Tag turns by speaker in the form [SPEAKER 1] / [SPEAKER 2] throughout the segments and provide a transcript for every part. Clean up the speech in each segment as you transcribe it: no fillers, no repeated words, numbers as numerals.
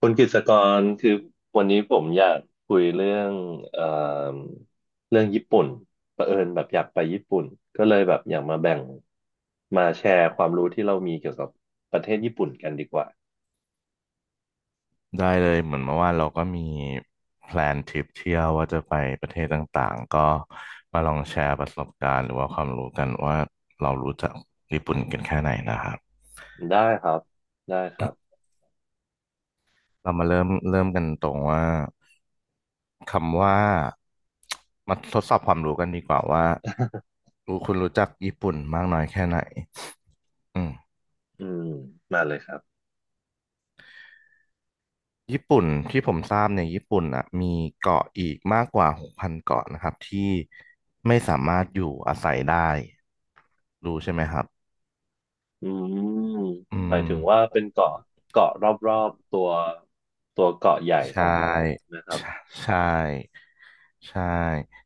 [SPEAKER 1] คุณกฤษกรคือวันนี้ผมอยากคุยเรื่องเอ่อเรื่องญี่ปุ่นเผอิญแบบอยากไปญี่ปุ่นก็เลยแบบอยากมาแชร์ความรู้ที่เรามีเกี่ยวกับประเทศญี่ปุ่นกันดีกว่า
[SPEAKER 2] ได้เลยเหมือนเมื่อวานเราก็มีแพลนทริปเที่ยวว่าจะไปประเทศต่างๆก็มาลองแชร์ประสบการณ์หรือว่าความรู้กันว่าเรารู้จักญี่ปุ่นกันแค่ไหนนะครับ
[SPEAKER 1] ได้ครับได้ครับ
[SPEAKER 2] เรามาเริ่มกันตรงว่าคำว่ามาทดสอบความรู้กันดีกว่าว่าคุณรู้จักญี่ปุ่นมากน้อยแค่ไหนอืม
[SPEAKER 1] อืมมาเลยครับ
[SPEAKER 2] ญี่ปุ่นที่ผมทราบเนี่ยญี่ปุ่นอ่ะมีเกาะอีกมากกว่า6,000เกาะนะครับที่ไม่สามารถอยู่อาศัยได้รู้ใช่ไหมครับ
[SPEAKER 1] อืม
[SPEAKER 2] อื
[SPEAKER 1] หมาย
[SPEAKER 2] ม
[SPEAKER 1] ถึงว่าเป็นเกาะเกาะรอบๆตัวตัวเกาะใหญ่ข
[SPEAKER 2] ใช่
[SPEAKER 1] องญี่ปุ่นนะครับ
[SPEAKER 2] ใช่ใช่ใช่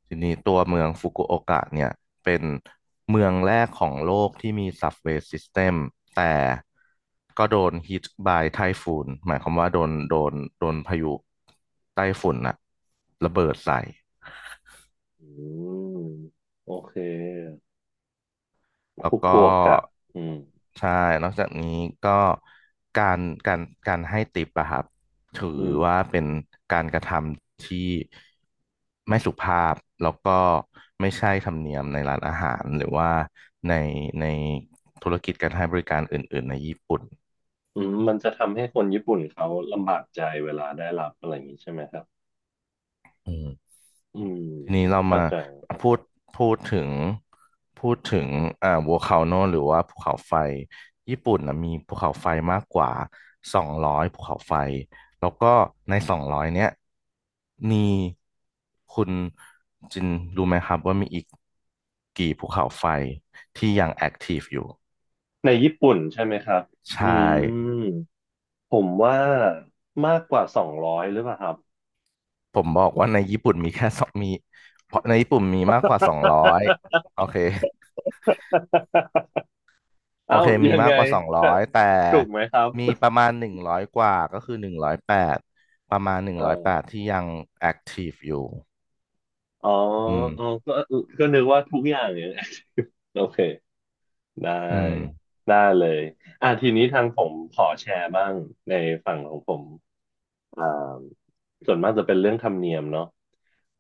[SPEAKER 2] ทีนี้ตัวเมืองฟุกุโอกะเนี่ยเป็นเมืองแรกของโลกที่มีซับเวย์ซิสเต็มแต่ก็โดนฮิตบายไทฟูนหมายความว่าโดนพายุไต้ฝุ่นอะระเบิดใส่
[SPEAKER 1] อืมโอเค
[SPEAKER 2] แล้ว
[SPEAKER 1] ฟุกุ
[SPEAKER 2] ก็
[SPEAKER 1] โอกะอืม
[SPEAKER 2] ใช่นอกจากนี้ก็การการการให้ติปอะครับถือ
[SPEAKER 1] อืม
[SPEAKER 2] ว่าเป็นการกระทำที่ไม่สุภาพแล้วก็ไม่ใช่ธรรมเนียมในร้านอาหารหรือว่าในในธุรกิจการให้บริการอื่นๆในญี่ปุ่น
[SPEAKER 1] อืมมันจะทำให้คนญี่ปุ่นเขาลำบากใจเวลาได้รับอะไรอย่างนี้ใช่ไหมครับ
[SPEAKER 2] อืม
[SPEAKER 1] อืม
[SPEAKER 2] ทีนี้เรา
[SPEAKER 1] เข้า
[SPEAKER 2] มา
[SPEAKER 1] ใจ
[SPEAKER 2] พูดพูดถึงพูดถึงวัวคาโนหรือว่าภูเขาไฟญี่ปุ่นนะมีภูเขาไฟมากกว่าสองร้อยภูเขาไฟแล้วก็ในสองร้อยเนี้ยมีคุณจินรู้ไหมครับว่ามีอีกกี่ภูเขาไฟที่ยังแอคทีฟอยู่
[SPEAKER 1] ในญี่ปุ่นใช่ไหมครับอื
[SPEAKER 2] ใช่
[SPEAKER 1] มผมว่ามากกว่าสองร้อยหรือเปล่าครับ
[SPEAKER 2] ผมบอกว่าในญี่ปุ่นมีแค่สองเพราะในญี่ปุ่นมีมากกว่าสองร้อยโอเค โอ
[SPEAKER 1] เอ้า
[SPEAKER 2] เคมี
[SPEAKER 1] ยัง
[SPEAKER 2] มา
[SPEAKER 1] ไง
[SPEAKER 2] กกว่าสองร้อ
[SPEAKER 1] จะ
[SPEAKER 2] ยแต่
[SPEAKER 1] ถูกไหมครับ
[SPEAKER 2] มีประมาณหนึ่งร้อยกว่าก็คือหนึ่งร้อยแปดประมาณหนึ่ง
[SPEAKER 1] เอ
[SPEAKER 2] ร้อย
[SPEAKER 1] อ
[SPEAKER 2] แปดที่ยังแอคทีฟอยู่
[SPEAKER 1] อ๋อ
[SPEAKER 2] อืม
[SPEAKER 1] อ๋อก็ก็นึกว่าทุกอย่างเนี่ย โอเค ได้
[SPEAKER 2] อืม
[SPEAKER 1] ได้เลยอ่ะทีนี้ทางผมขอแชร์บ้างในฝั่งของผมอ่าส่วนมากจะเป็นเรื่องธรรมเนียมเนาะ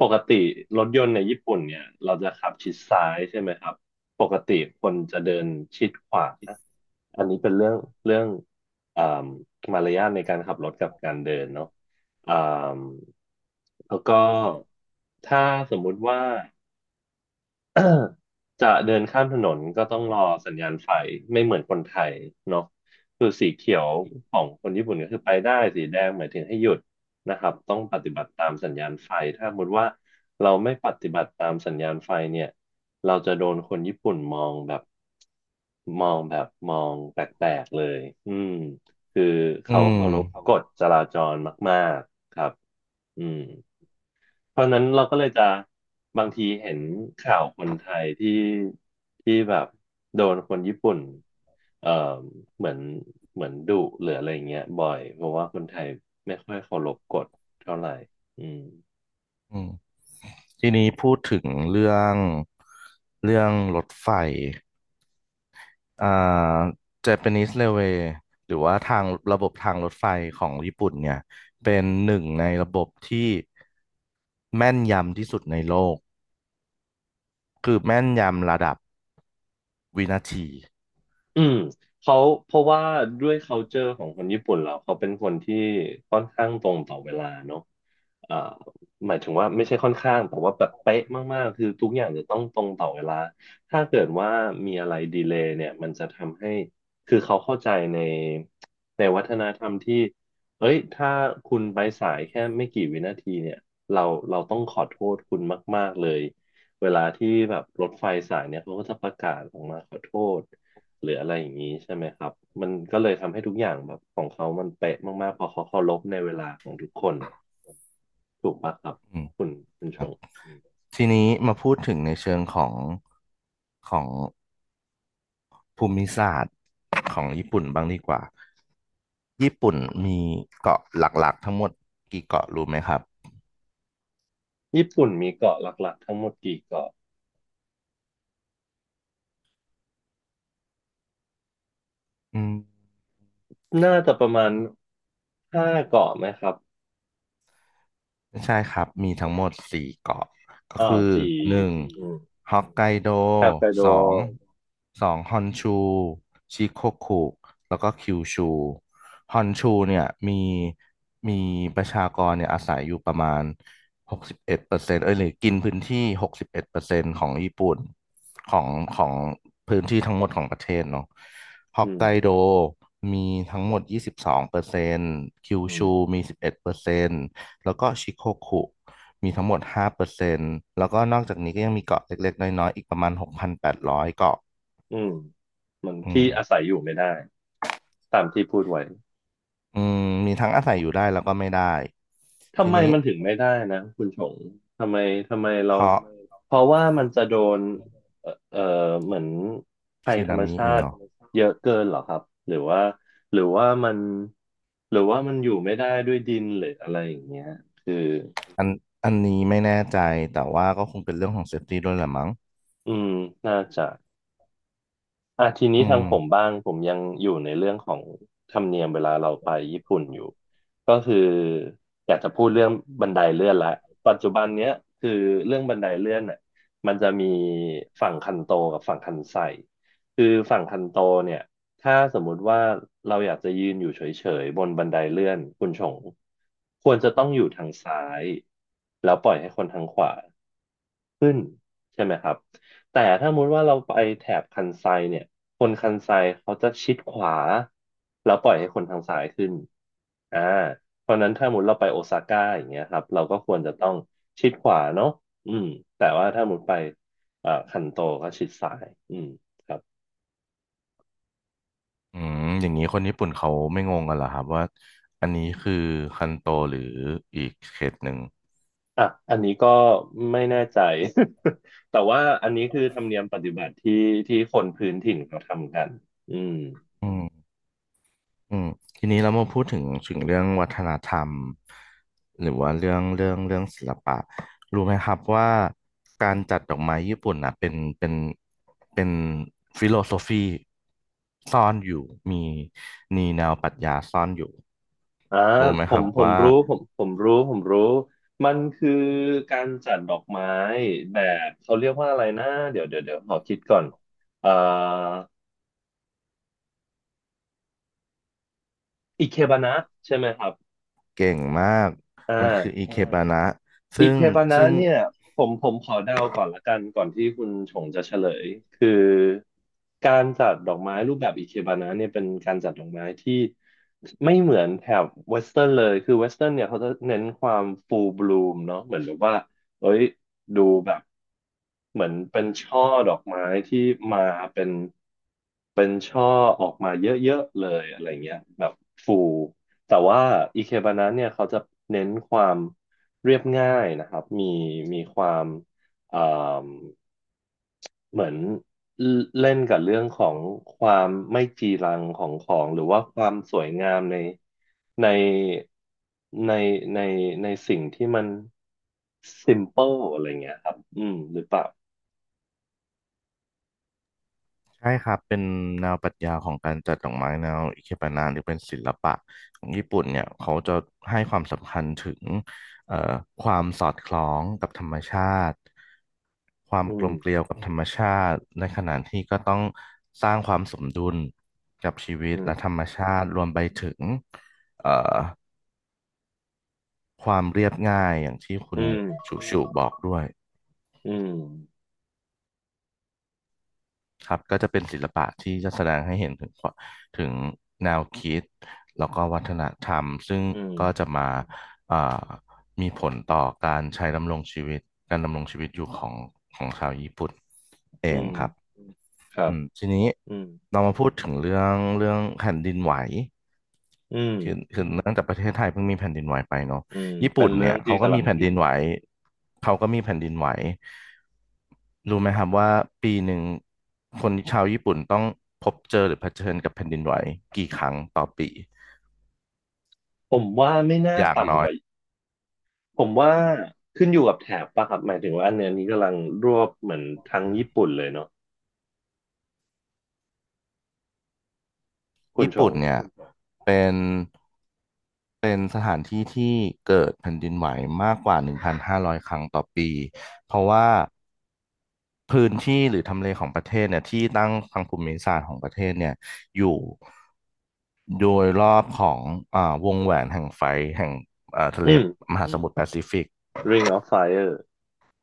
[SPEAKER 1] ปกติรถยนต์ในญี่ปุ่นเนี่ยเราจะขับชิดซ้ายใช่ไหมครับปกติคนจะเดินชิดขวาอันนี้เป็นเรื่องอ่ามารยาทในการขับรถกับการเดินเนาะอ่าแล้วก็ถ้าสมมุติว่า จะเดินข้ามถนนก็ต้องรอสัญญาณไฟไม่เหมือนคนไทยเนาะคือสีเขียวของคนญี่ปุ่นก็คือไปได้สีแดงหมายถึงให้หยุดนะครับต้องปฏิบัติตามสัญญาณไฟถ้าสมมติว่าเราไม่ปฏิบัติตามสัญญาณไฟเนี่ยเราจะโดนคนญี่ปุ่นมองแบบมองแปลกๆเลยอืมคือ
[SPEAKER 2] อื
[SPEAKER 1] เขาเคารพก
[SPEAKER 2] ม
[SPEAKER 1] ฎจราจรมากๆครับอืม เพราะฉะนั้นเราก็เลยจะบางทีเห็นข่าวคนไทยที่แบบโดนคนญี่ปุ่นเอ่อเหมือนเหมือนดุหรืออะไรเงี้ยบ่อยเพราะว่าคนไทยไม่ค่อยเคารพกฎเท่าไหร่อืม
[SPEAKER 2] อืมทีนี้พูดถึงเรื่องรถไฟอ่า Japanese Railway หรือว่าทางระบบทางรถไฟของญี่ปุ่นเนี่ยเป็นหนึ่งในระบบที่แม่นยำที่สุดในโลกคือแม่นยำระดับวินาที
[SPEAKER 1] อืมเขาเพราะว่าด้วย culture ของคนญี่ปุ่นเราเขาเป็นคนที่ค่อนข้างตรงต่อเวลาเนอะอ่าหมายถึงว่าไม่ใช่ค่อนข้างแต่ว่าแบบเป๊ะมากๆคือทุกอย่างจะต้องตรงต่อเวลาถ้าเกิดว่ามีอะไรดีเลย์เนี่ยมันจะทำให้คือเขาเข้าใจในวัฒนธรรมที่เอ้ยถ้าคุณไปสายแค่ไม่กี่วินาทีเนี่ยเราเราต้องขอโทษคุณมากๆเลยเวลาที่แบบรถไฟสายเนี่ยเขาก็จะประกาศออกมาขอโทษ หรืออะไรอย่างนี้ใช่ไหมครับมันก็เลยทำให้ทุกอย่างแบบของเขามันเป๊ะมากๆเพอเขาเคารพในเวลาของทุกคนถูกปะครับ
[SPEAKER 2] อืม
[SPEAKER 1] คุณคุณ
[SPEAKER 2] ค
[SPEAKER 1] ช
[SPEAKER 2] รับ
[SPEAKER 1] งอืม
[SPEAKER 2] ทีนี้มาพูดถึงในเชิงของของภูมิศาสตร์ของญี่ปุ่นบ้างดีกว่า ญี่ปุ่นมีเกาะหลักๆทั้งหมดกี่เกาะรู้ไหมครับ
[SPEAKER 1] ญี่ปุ่นมีเกาะหลักๆทั้งหมดกี่เกาะ
[SPEAKER 2] อืม
[SPEAKER 1] น่าจะประมาณห้าเกาะไหมครับ
[SPEAKER 2] ไม่ใช่ครับ มีทั้งหมด4เกาะก็
[SPEAKER 1] อ้า
[SPEAKER 2] คื
[SPEAKER 1] ว
[SPEAKER 2] อ
[SPEAKER 1] สี่
[SPEAKER 2] หนึ่ง
[SPEAKER 1] อืม
[SPEAKER 2] ฮอกไกโด
[SPEAKER 1] ฮอกไกโด
[SPEAKER 2] สองสองฮอนชูชิโกคุแล้วก็คิวชูฮอนชูเนี่ยมีประชากรเนี่ยอาศัยอยู่ประมาณหกสิบเอ็ดเปอร์เซ็นต์เอ้ยหรือกินพื้นที่หกสิบเอ็ดเปอร์เซ็นต์ของญี่ปุ่นของของพื้นที่ทั้งหมดของประเทศเนาะฮอ
[SPEAKER 1] อื
[SPEAKER 2] กไกโด
[SPEAKER 1] ม
[SPEAKER 2] มีทั้งหมด22%คิว
[SPEAKER 1] อื
[SPEAKER 2] ชู
[SPEAKER 1] ม
[SPEAKER 2] มีสิบเอ็ดเปอร์เซ็นต์ แล้วก็ชิโคคุมีทั้งหมด5%แล้วก็นอกจากนี้ก็ยังมีเกาะเล็กๆน้อยๆอีกประมาณ6,800เกาะ
[SPEAKER 1] อืมมัน
[SPEAKER 2] อื
[SPEAKER 1] ที่
[SPEAKER 2] ม
[SPEAKER 1] อาศัยอยู่ไม่ได้ตามที่พูดไว้
[SPEAKER 2] อืมมีทั้งอาศัยอยู่ได้แล้วก็ไม่ได้
[SPEAKER 1] ทำ
[SPEAKER 2] ที
[SPEAKER 1] ไม
[SPEAKER 2] นี้
[SPEAKER 1] มันถึงไม่ได้นะคุณชงทำไมทำไมเรา
[SPEAKER 2] เพราะ
[SPEAKER 1] เพราะว่ามันจะโดนเอ่อเอ่อเหมือนภัย
[SPEAKER 2] สึ
[SPEAKER 1] ธร
[SPEAKER 2] นา
[SPEAKER 1] รม
[SPEAKER 2] มิ
[SPEAKER 1] ชา
[SPEAKER 2] อีกเหร
[SPEAKER 1] ติ
[SPEAKER 2] อ
[SPEAKER 1] เยอะเกินเหรอครับหรือว่าหรือว่ามันหรือว่ามันอยู่ไม่ได้ด้วยดินหรืออะไรอย่างเงี้ยคือ
[SPEAKER 2] อันอันนี้ไม่แน่ใจแต่ว่าก็คงเป็นเรื่องของเซฟตี้ด้วยแหละมั้ง
[SPEAKER 1] อืมน่าจะ อ่ะทีนี้
[SPEAKER 2] อื
[SPEAKER 1] ทาง
[SPEAKER 2] ม
[SPEAKER 1] ผมบ้างผมยังอยู่ในเรื่องของธรรมเนียมเวลาเราไปญี่ปุ่นอยู่ก็คืออยากจะพูดเรื่องบันไดเลื่อนละปัจจุบันเนี้ยคือเรื่องบันไดเลื่อนน่ะมันจะมีฝั่งคันโตกับฝั่งคันไซคือฝั่งคันโตเนี่ยถ้าสมมุติว่าเราอยากจะยืนอยู่เฉยๆบนบันไดเลื่อนคุณชงควรจะต้องอยู่ทางซ้ายแล้วปล่อยให้คนทางขวา ขึ้นใช่ไหมครับแต่ถ้ามุติว่าเราไปแถบคันไซเนี่ยคนคันไซเขาจะชิดขวาแล้วปล่อยให้คนทางซ้ายขึ้นอ่าเพราะฉะนั้นถ้ามุติเราไปโอซาก้าอย่างเงี้ยครับเราก็ควรจะต้องชิดขวาเนาะอืมแต่ว่าถ้ามุติไปคันโตก็ชิดซ้ายอืมครับ
[SPEAKER 2] อืมอย่างนี้คนญี่ปุ่นเขาไม่งงกันเหรอครับว่าอันนี้คือคันโตหรืออีกเขตหนึ่ง
[SPEAKER 1] อ่ะอันนี้ก็ไม่แน่ใจ แต่ว่าอันนี้คือธรรมเนียมปฏิบัติที่ที่คนพื้นถิ่นเขาทำกันอืม
[SPEAKER 2] อืม อืมทีนี้เรามาพูดถึงเรื่องวัฒนธรรมหรือว่าเรื่องศิลปะรู้ไหมครับว่าการจัดดอกไม้ญี่ปุ่นนะเป็นฟิโลโซฟีซ่อนอยู่มีมีแนวปรัชญาซ่อนอยู่
[SPEAKER 1] อ่า
[SPEAKER 2] รู้ไหม
[SPEAKER 1] ผ
[SPEAKER 2] ครั
[SPEAKER 1] ม
[SPEAKER 2] บ
[SPEAKER 1] ผม
[SPEAKER 2] ว่า
[SPEAKER 1] รู้ผมรู้ผมรู้มันคือการจัดดอกไม้แบบเขาเรียกว่าอะไรนะเดี๋ยวขอคิดก่อนอ่าอิเคบานะใช่ไหมครับ
[SPEAKER 2] เก่งมาก
[SPEAKER 1] อ่า
[SPEAKER 2] มันคืออิเคบานะ
[SPEAKER 1] อิ
[SPEAKER 2] ซึ่ง
[SPEAKER 1] เคบานะ
[SPEAKER 2] ซึ่ง
[SPEAKER 1] เนี่ยผมขอเดาก่อนละกันก่อนที่คุณชงจะเฉลยคือการจัดดอกไม้รูปแบบอิเคบานะเนี่ยเป็นการจัดดอกไม้ที่ไม่เหมือนแถบเวสเทิร์นเลยคือเวสเทิร์นเนี่ยเขาจะเน้นความฟูลบลูมเนาะเหมือนแบบว่าเอ้ยดูแบบเหมือนเป็นช่อดอกไม้ที่มาเป็นเป็นช่อออกมาเยอะๆเลยอะไรเงี้ยแบบฟูแต่ว่าอิเคบานะเนี่ยเขาจะเน้นความ เรียบง่ายนะครับมีมีความเอ่อเหมือนเล่นกับเรื่องของความไม่จีรังของของหรือว่าความสวยงามในในในในสิ่งที่มัน simple อะไรเงี้ยครับอืมหรือเปล่า
[SPEAKER 2] ใช่ครับเป็นแนวปรัชญาของการจัดดอกไม้แนวอิเคบานะหรือเป็นศิลปะของญี่ปุ่นเนี่ยเขาจะให้ความสำคัญถึงเอ่อความสอดคล้องกับธรรมชาติความ
[SPEAKER 1] อื
[SPEAKER 2] กล
[SPEAKER 1] ม
[SPEAKER 2] มเกลียวกับธรรมชาติในขณะที่ก็ต้องสร้างความสมดุลกับชีวิต
[SPEAKER 1] อืม
[SPEAKER 2] และธรรมชาติรวมไปถึงเอ่อความเรียบง่ายอย่างที่คุ
[SPEAKER 1] อื
[SPEAKER 2] ณ
[SPEAKER 1] ม
[SPEAKER 2] ชูชูบอกด้วย
[SPEAKER 1] อืม
[SPEAKER 2] ครับก็จะเป็นศิลปะที่จะแสดงให้เห็นถึงความถึงแนวคิดแล้วก็วัฒนธรรมซึ่ง
[SPEAKER 1] อื
[SPEAKER 2] ก็จะ
[SPEAKER 1] ม
[SPEAKER 2] มาเอ่อมีผลต่อการใช้ดำรงชีวิตการดำรงชีวิตอยู่ของชาวญี่ปุ่นเอ
[SPEAKER 1] อื
[SPEAKER 2] ง
[SPEAKER 1] ม
[SPEAKER 2] ครับ
[SPEAKER 1] ครั
[SPEAKER 2] อื
[SPEAKER 1] บ
[SPEAKER 2] มทีนี้
[SPEAKER 1] อืม
[SPEAKER 2] เรามาพูดถึงเรื่องแผ่นดินไหว
[SPEAKER 1] อืม
[SPEAKER 2] คือเนื่องจากประเทศไทยเพิ่งมีแผ่นดินไหวไปเนาะ
[SPEAKER 1] อืม
[SPEAKER 2] ญี่
[SPEAKER 1] เป็
[SPEAKER 2] ปุ่
[SPEAKER 1] น
[SPEAKER 2] น
[SPEAKER 1] เรื่
[SPEAKER 2] เนี่
[SPEAKER 1] อ
[SPEAKER 2] ย
[SPEAKER 1] งที่
[SPEAKER 2] เขาก็
[SPEAKER 1] กำลั
[SPEAKER 2] มี
[SPEAKER 1] ง
[SPEAKER 2] แผ่น
[SPEAKER 1] ฮิ
[SPEAKER 2] ดิ
[SPEAKER 1] ต
[SPEAKER 2] นไหวเขาก็มีแผ่นดินไหวรู้ไหมครับว่าปีหนึ่งคนชาวญี่ปุ่นต้องพบเจอหรือเผชิญกับแผ่นดินไหวกี่ครั้งต่อปี
[SPEAKER 1] ผมว่าไม่น่า
[SPEAKER 2] อย่างน้
[SPEAKER 1] ต่ำ
[SPEAKER 2] อ
[SPEAKER 1] ก
[SPEAKER 2] ย
[SPEAKER 1] ว่า ผมว่าขึ้นอยู่กับแถบป่ะครับหมายถึงว่าอันเนี้ยนี้กำลังรวบเหมือนทางญี่ปุ่นเลยเนาะคุณ
[SPEAKER 2] ญี่
[SPEAKER 1] ชง
[SPEAKER 2] ปุ่นเนี่ยเป็นเป็นสถานที่ที่เกิดแผ่นดินไหวมากกว่า1,500ครั้งต่อปีเพราะว่า พื้นที่หรือทำเลของประเทศเนี่ยที่ตั้งทางภูมิศาสตร์ของประเทศเนี่ยอยู่โดยรอบของวงแหวนแห่งไฟแห่งทะ
[SPEAKER 1] อื
[SPEAKER 2] เล
[SPEAKER 1] ม
[SPEAKER 2] มหาอืสมมุทรแปซิฟิก
[SPEAKER 1] Ring of Fire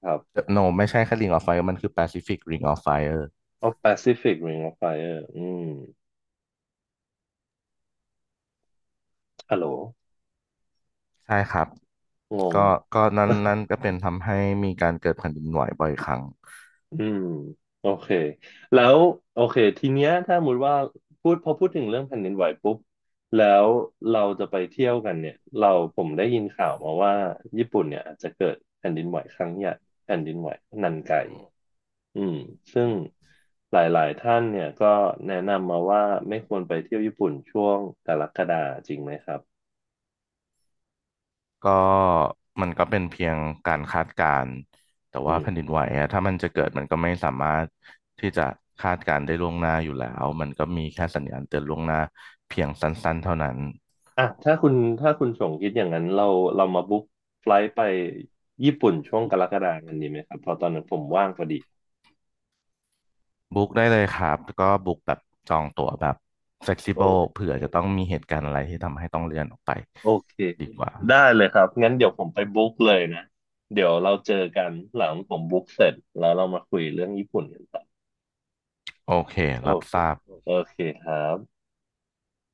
[SPEAKER 1] ครับ
[SPEAKER 2] โนไม่ใช่แค่ Ring of Fire มันคือ Pacific Ring of Fire
[SPEAKER 1] of Pacific Ring of Fire อืมฮัลโหล
[SPEAKER 2] ใช่ครับ
[SPEAKER 1] งง
[SPEAKER 2] ก็ก็นั้นก็เป็นทำให้มีการเกิดแผ่นดินไหวบ่อยครั้ง
[SPEAKER 1] อืมโอเคแล้วโอเคทีเนี้ยถ้าสมมติว่าพูดถึงเรื่องแผ่นดินไหวปุ๊บแล้วเราจะไปเที่ยวกันเนี่ยเราผมได้ยินข่าวมาว่าญี่ปุ่นเนี่ยอาจจะเกิดแผ่นดินไหวครั้งใหญ่แผ่นดินไหวนันไก อืมซึ่งหลายๆท่านเนี่ยก็แนะนำมาว่าไม่ควรไปเที่ยวญี่ปุ่นช่วงกรกฎาจริงไหมครับ
[SPEAKER 2] ก็มันก็เป็นเพียงการคาดการณ์แต่
[SPEAKER 1] อื
[SPEAKER 2] ว่า
[SPEAKER 1] ม
[SPEAKER 2] แผ่นดินไหวอะถ้ามันจะเกิดมันก็ไม่สามารถที่จะคาดการณ์ได้ล่วงหน้าอยู่แล้วมันก็มีแค่สัญญาณเตือนล่วงหน้าเพียงสั้นๆเท่านั้น
[SPEAKER 1] อ่ะถ้าคุณชงคิดอย่างนั้นเรามาบุ๊กไฟลท์ไปญี่ปุ่นช่วงกรกฎากันดีไหมครับเพอตอนนั้นผมว่างพอดี
[SPEAKER 2] บุ๊กได้เลยครับก็บุ๊กแบบจองตั๋วแบบ
[SPEAKER 1] โอ
[SPEAKER 2] flexible
[SPEAKER 1] เค
[SPEAKER 2] เผื่อจะต้องมีเหตุการณ์อะไรที่ทำให้ต้องเลื่อนออกไป
[SPEAKER 1] โอเค
[SPEAKER 2] ดีกว่า
[SPEAKER 1] ได้เลยครับงั้นเดี๋ยวผมไปบุ๊กเลยนะเดี๋ยวเราเจอกันหลังผมบุ๊กเสร็จแล้วเรามาคุยเรื่องญี่ปุ่นกันต่อ
[SPEAKER 2] โอเค
[SPEAKER 1] โอ
[SPEAKER 2] รับ
[SPEAKER 1] เค
[SPEAKER 2] ทราบ
[SPEAKER 1] โอเคครับ